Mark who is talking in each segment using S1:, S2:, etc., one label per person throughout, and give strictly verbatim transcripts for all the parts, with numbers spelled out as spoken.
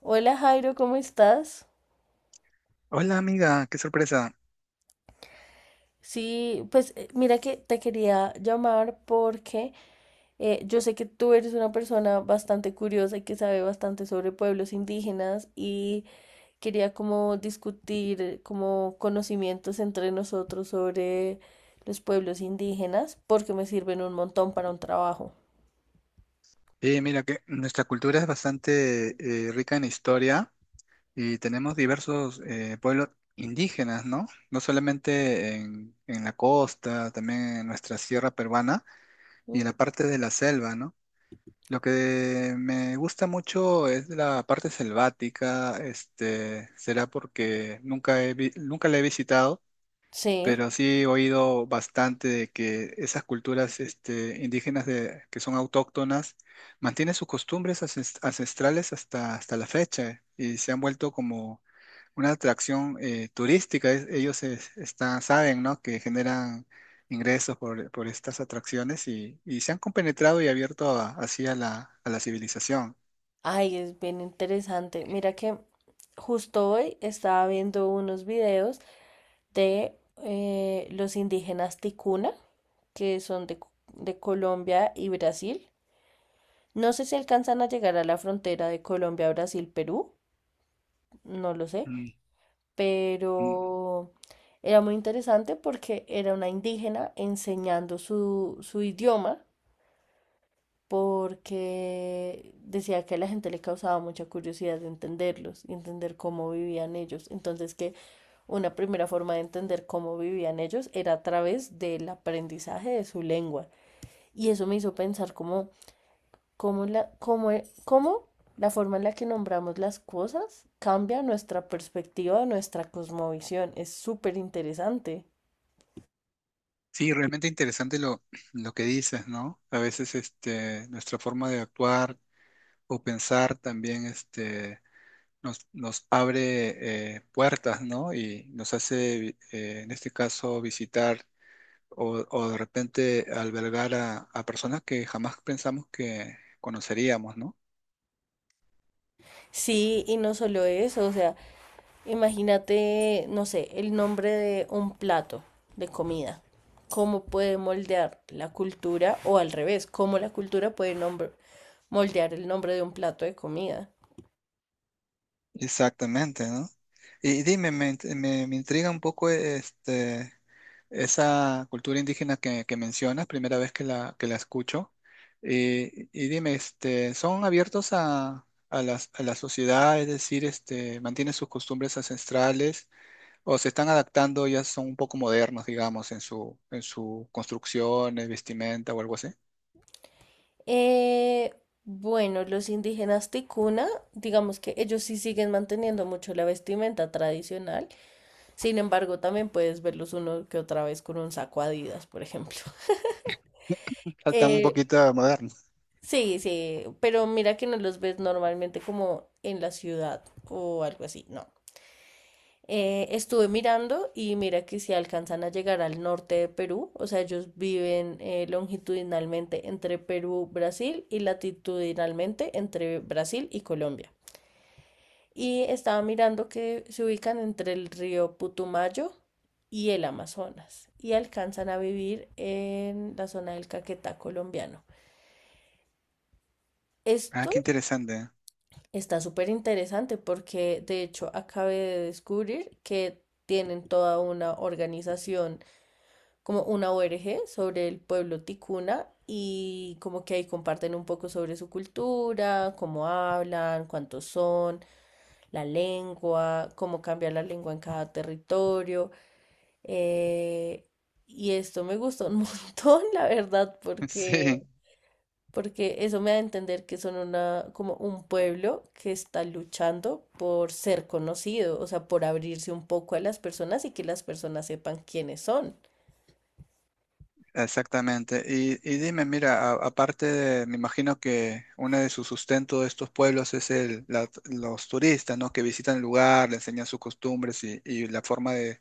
S1: Hola Jairo, ¿cómo estás?
S2: Hola amiga, qué sorpresa.
S1: Sí, pues eh, mira que te quería llamar porque eh, yo sé que tú eres una persona bastante curiosa y que sabe bastante sobre pueblos indígenas y quería como discutir eh, como conocimientos entre nosotros sobre los pueblos indígenas porque me sirven un montón para un trabajo.
S2: Eh, mira que nuestra cultura es bastante eh, rica en historia y tenemos diversos eh, pueblos indígenas, ¿no? No solamente en, en la costa, también en nuestra sierra peruana y en la
S1: Ujú.
S2: parte de la selva, ¿no? Lo que me gusta mucho es la parte selvática, este, será porque nunca he vi- nunca la he visitado,
S1: Sí,
S2: pero sí he oído bastante de que esas culturas este, indígenas de, que son autóctonas mantienen sus costumbres ancest- ancestrales hasta, hasta la fecha y se han vuelto como una atracción eh, turística. Es- ellos es- están, saben, ¿no?, que generan ingresos por, por estas atracciones y, y se han compenetrado y abierto a- así a la, a la civilización.
S1: ay, es bien interesante. Mira que justo hoy estaba viendo unos videos de eh, los indígenas Ticuna, que son de, de Colombia y Brasil. No sé si alcanzan a llegar a la frontera de Colombia, Brasil, Perú, no lo sé,
S2: Mm, mm.
S1: pero era muy interesante porque era una indígena enseñando su, su idioma porque decía que a la gente le causaba mucha curiosidad de entenderlos y entender cómo vivían ellos. Entonces que una primera forma de entender cómo vivían ellos era a través del aprendizaje de su lengua. Y eso me hizo pensar cómo, cómo, la, cómo, cómo la forma en la que nombramos las cosas cambia nuestra perspectiva, nuestra cosmovisión. Es súper interesante.
S2: Sí, realmente interesante lo, lo que dices, ¿no? A veces este, nuestra forma de actuar o pensar también este, nos, nos abre eh, puertas, ¿no? Y nos hace, eh, en este caso, visitar o, o de repente albergar a, a personas que jamás pensamos que conoceríamos, ¿no?
S1: Sí, y no solo eso, o sea, imagínate, no sé, el nombre de un plato de comida, cómo puede moldear la cultura, o al revés, cómo la cultura puede nombre- moldear el nombre de un plato de comida.
S2: Exactamente, ¿no? Y dime, me, int- me, me intriga un poco este, esa cultura indígena que, que mencionas, primera vez que la, que la escucho. Eh, y dime, este, ¿son abiertos a, a las- a la sociedad? Es decir, este, ¿mantienen sus costumbres ancestrales o se están adaptando, ya son un poco modernos, digamos, en su, en su construcción, eh, vestimenta o algo así?
S1: Eh, bueno, los indígenas ticuna, digamos que ellos sí siguen manteniendo mucho la vestimenta tradicional, sin embargo, también puedes verlos uno que otra vez con un saco Adidas, por ejemplo.
S2: Faltan un
S1: Eh,
S2: poquito modernos.
S1: sí, sí, pero mira que no los ves normalmente como en la ciudad o algo así, no. Eh, estuve mirando y mira que si alcanzan a llegar al norte de Perú, o sea, ellos viven eh, longitudinalmente entre Perú, Brasil y latitudinalmente entre Brasil y Colombia. Y estaba mirando que se ubican entre el río Putumayo y el Amazonas y alcanzan a vivir en la zona del Caquetá colombiano.
S2: Ah,
S1: Esto
S2: qué interesante.
S1: está súper interesante porque de hecho acabé de descubrir que tienen toda una organización, como una O N G sobre el pueblo ticuna y como que ahí comparten un poco sobre su cultura, cómo hablan, cuántos son, la lengua, cómo cambia la lengua en cada territorio. eh, y esto me gustó un montón, la verdad, porque
S2: Sí.
S1: porque eso me da a entender que son una, como un pueblo que está luchando por ser conocido, o sea, por abrirse un poco a las personas y que las personas sepan quiénes son.
S2: Exactamente. Y, y dime, mira, a- aparte de, me imagino que uno de sus sustentos de estos pueblos es el, la- los turistas, ¿no? Que visitan el lugar, le enseñan sus costumbres y, y la forma de,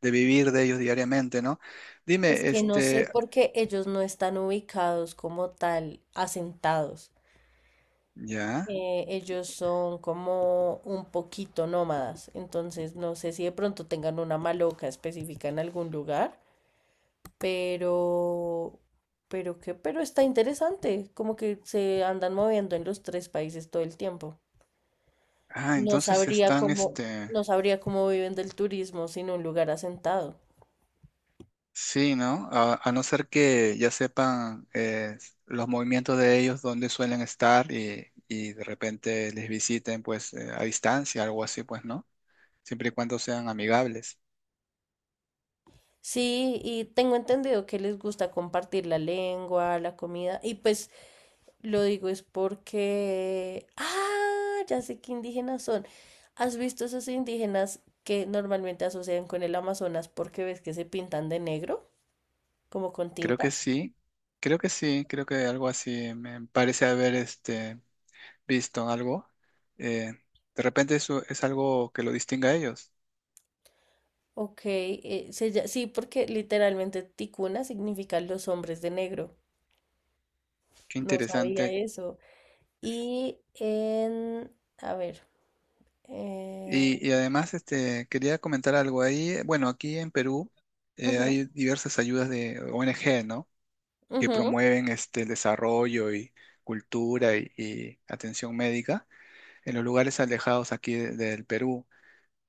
S2: de vivir de ellos diariamente, ¿no?
S1: Es
S2: Dime,
S1: que no sé
S2: este,
S1: por qué ellos no están ubicados como tal, asentados.
S2: ya,
S1: Eh, ellos son como un poquito nómadas, entonces no sé si de pronto tengan una maloca específica en algún lugar. Pero, pero qué, pero está interesante, como que se andan moviendo en los tres países todo el tiempo.
S2: ah,
S1: No
S2: entonces
S1: sabría
S2: están,
S1: cómo,
S2: este,
S1: no sabría cómo viven del turismo sin un lugar asentado.
S2: sí, ¿no? A, a no ser que ya sepan eh, los movimientos de ellos, dónde suelen estar y, y de repente les visiten, pues, eh, a distancia, algo así, pues, ¿no?, siempre y cuando sean amigables.
S1: Sí, y tengo entendido que les gusta compartir la lengua, la comida, y pues lo digo es porque, ah, ya sé qué indígenas son. ¿Has visto esos indígenas que normalmente asocian con el Amazonas porque ves que se pintan de negro, como con
S2: Creo que
S1: tintas?
S2: sí, creo que sí, creo que algo así me parece haber este, visto algo. Eh, de repente eso es algo que lo distingue a ellos.
S1: Ok, eh, se lla- sí, porque literalmente ticuna significa los hombres de negro.
S2: Qué
S1: No sabía
S2: interesante.
S1: eso. Y en, a ver, eh,
S2: Y, y además este, quería comentar algo ahí. Eh, bueno, aquí en Perú eh,
S1: ujú,
S2: hay diversas ayudas de O N G, ¿no? Que
S1: ujú,
S2: promueven este, el desarrollo y cultura y, y atención médica en los lugares alejados aquí de- del Perú.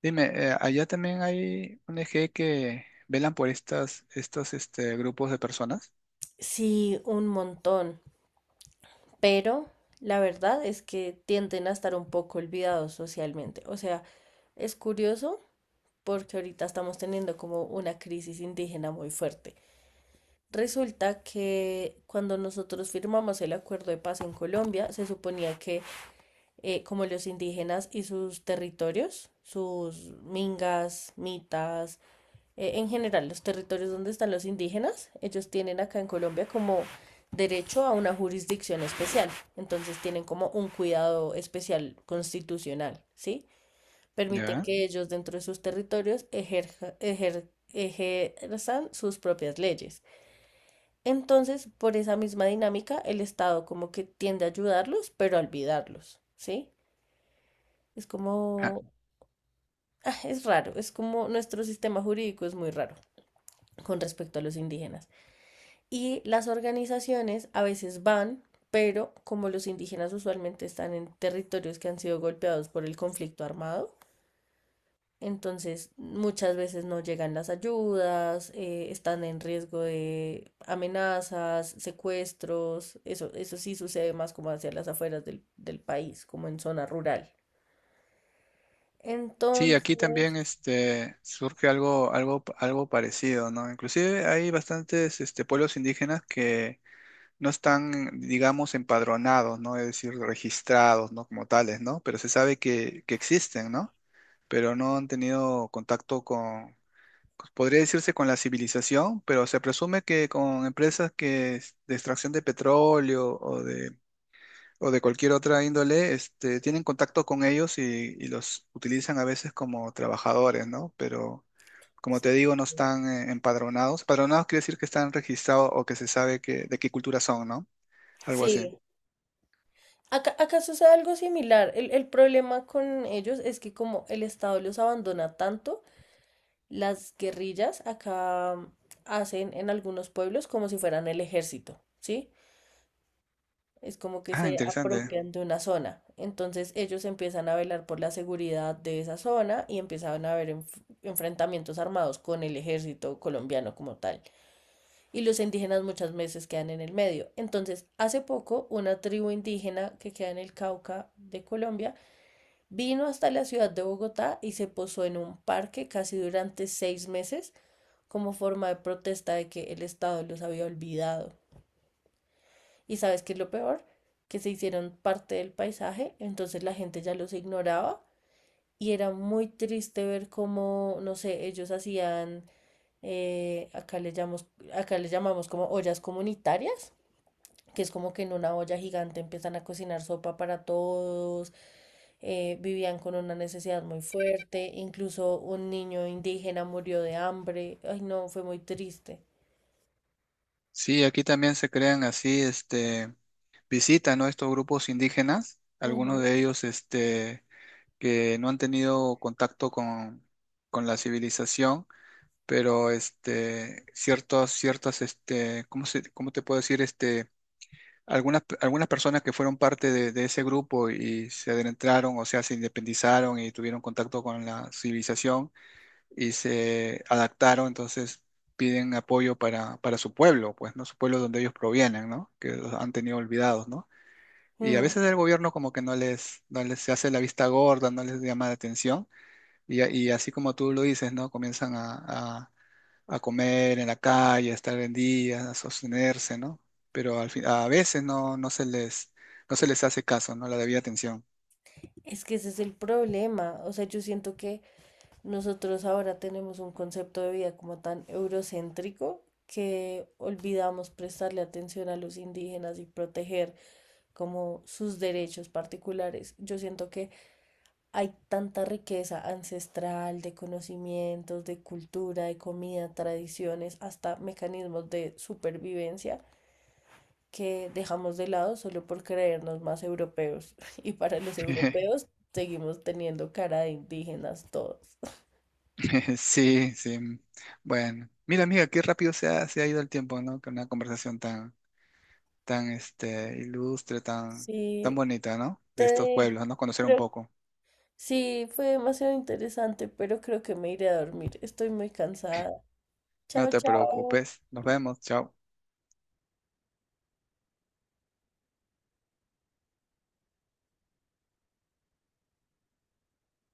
S2: Dime, eh, allá también hay un eje que velan por estas, estos este, grupos de personas,
S1: sí, un montón, pero la verdad es que tienden a estar un poco olvidados socialmente. O sea, es curioso porque ahorita estamos teniendo como una crisis indígena muy fuerte. Resulta que cuando nosotros firmamos el acuerdo de paz en Colombia, se suponía que eh, como los indígenas y sus territorios, sus mingas, mitas, eh, en general los territorios donde están los indígenas, ellos tienen acá en Colombia como derecho a una jurisdicción especial, entonces tienen como un cuidado especial constitucional, ¿sí? Permiten
S2: ¿ya?
S1: que ellos dentro de sus territorios ejerja- ejer- ejerzan sus propias leyes. Entonces, por esa misma dinámica, el Estado como que tiende a ayudarlos, pero a olvidarlos, ¿sí? Es
S2: Ah,
S1: como, ah, es raro, es como nuestro sistema jurídico es muy raro con respecto a los indígenas. Y las organizaciones a veces van, pero como los indígenas usualmente están en territorios que han sido golpeados por el conflicto armado, entonces muchas veces no llegan las ayudas, eh, están en riesgo de amenazas, secuestros, eso, eso sí sucede más como hacia las afueras del, del país, como en zona rural.
S2: sí,
S1: Entonces,
S2: aquí también este, surge algo, algo, algo parecido, ¿no? Inclusive hay bastantes este, pueblos indígenas que no están, digamos, empadronados, ¿no? Es decir, registrados, ¿no? Como tales, ¿no? Pero se sabe que, que existen, ¿no? Pero no han tenido contacto con, podría decirse, con la civilización, pero se presume que con empresas que es de extracción de petróleo o de, o de cualquier otra índole, este, tienen contacto con ellos y, y los utilizan a veces como trabajadores, ¿no? Pero como te digo, no están eh, empadronados. Empadronados quiere decir que están registrados o que se sabe que, de qué cultura son, ¿no? Algo así.
S1: sí, acá, acá sucede algo similar. El, el problema con ellos es que como el Estado los abandona tanto, las guerrillas acá mm, hacen en algunos pueblos como si fueran el ejército, ¿sí? Es como que
S2: Ah,
S1: se
S2: interesante.
S1: apropian de una zona. Entonces ellos empiezan a velar por la seguridad de esa zona y empiezan a haber enf- enfrentamientos armados con el ejército colombiano como tal. Y los indígenas muchas veces quedan en el medio. Entonces, hace poco, una tribu indígena que queda en el Cauca de Colombia, vino hasta la ciudad de Bogotá y se posó en un parque casi durante seis meses como forma de protesta de que el Estado los había olvidado. ¿Y sabes qué es lo peor? Que se hicieron parte del paisaje, entonces la gente ya los ignoraba y era muy triste ver cómo, no sé, ellos hacían, eh, acá, le llamamos, acá le llamamos como ollas comunitarias, que es como que en una olla gigante empiezan a cocinar sopa para todos, eh, vivían con una necesidad muy fuerte, incluso un niño indígena murió de hambre, ay no, fue muy triste.
S2: Sí, aquí también se crean así, este, visitan, ¿no?, estos grupos indígenas, algunos
S1: Ujú.
S2: de ellos, este, que no han tenido contacto con, con la civilización, pero este, ciertos, ciertas, este, ¿cómo se, cómo te puedo decir? Este, algunas, algunas personas que fueron parte de, de ese grupo y se adentraron, o sea, se independizaron y tuvieron contacto con la civilización y se adaptaron, entonces piden apoyo para, para su pueblo, pues, ¿no? Su pueblo donde ellos provienen, ¿no? Que los han tenido olvidados, ¿no? Y a
S1: Mm,
S2: veces el gobierno como que no les, no les se hace la vista gorda, no les llama la atención, y, a- y así como tú lo dices, ¿no? Comienzan a, a- a comer en la calle, a estar en vendidas, a sostenerse, ¿no? Pero al fin- a veces no, no se les, no se les hace caso, ¿no? La debida atención.
S1: es que ese es el problema, o sea, yo siento que nosotros ahora tenemos un concepto de vida como tan eurocéntrico que olvidamos prestarle atención a los indígenas y proteger como sus derechos particulares. Yo siento que hay tanta riqueza ancestral de conocimientos, de cultura, de comida, tradiciones, hasta mecanismos de supervivencia que dejamos de lado solo por creernos más europeos. Y para los europeos seguimos teniendo cara de indígenas todos.
S2: Sí, sí. Bueno, mira, amiga, qué rápido se ha, se ha ido el tiempo, ¿no? Con una conversación tan, tan, este, ilustre, tan, tan
S1: Sí,
S2: bonita, ¿no?
S1: te
S2: De estos pueblos,
S1: dejo.
S2: ¿no? Conocer un
S1: Creo-
S2: poco.
S1: sí, fue demasiado interesante, pero creo que me iré a dormir. Estoy muy cansada.
S2: No
S1: Chao,
S2: te
S1: chao.
S2: preocupes. Nos vemos. Chao.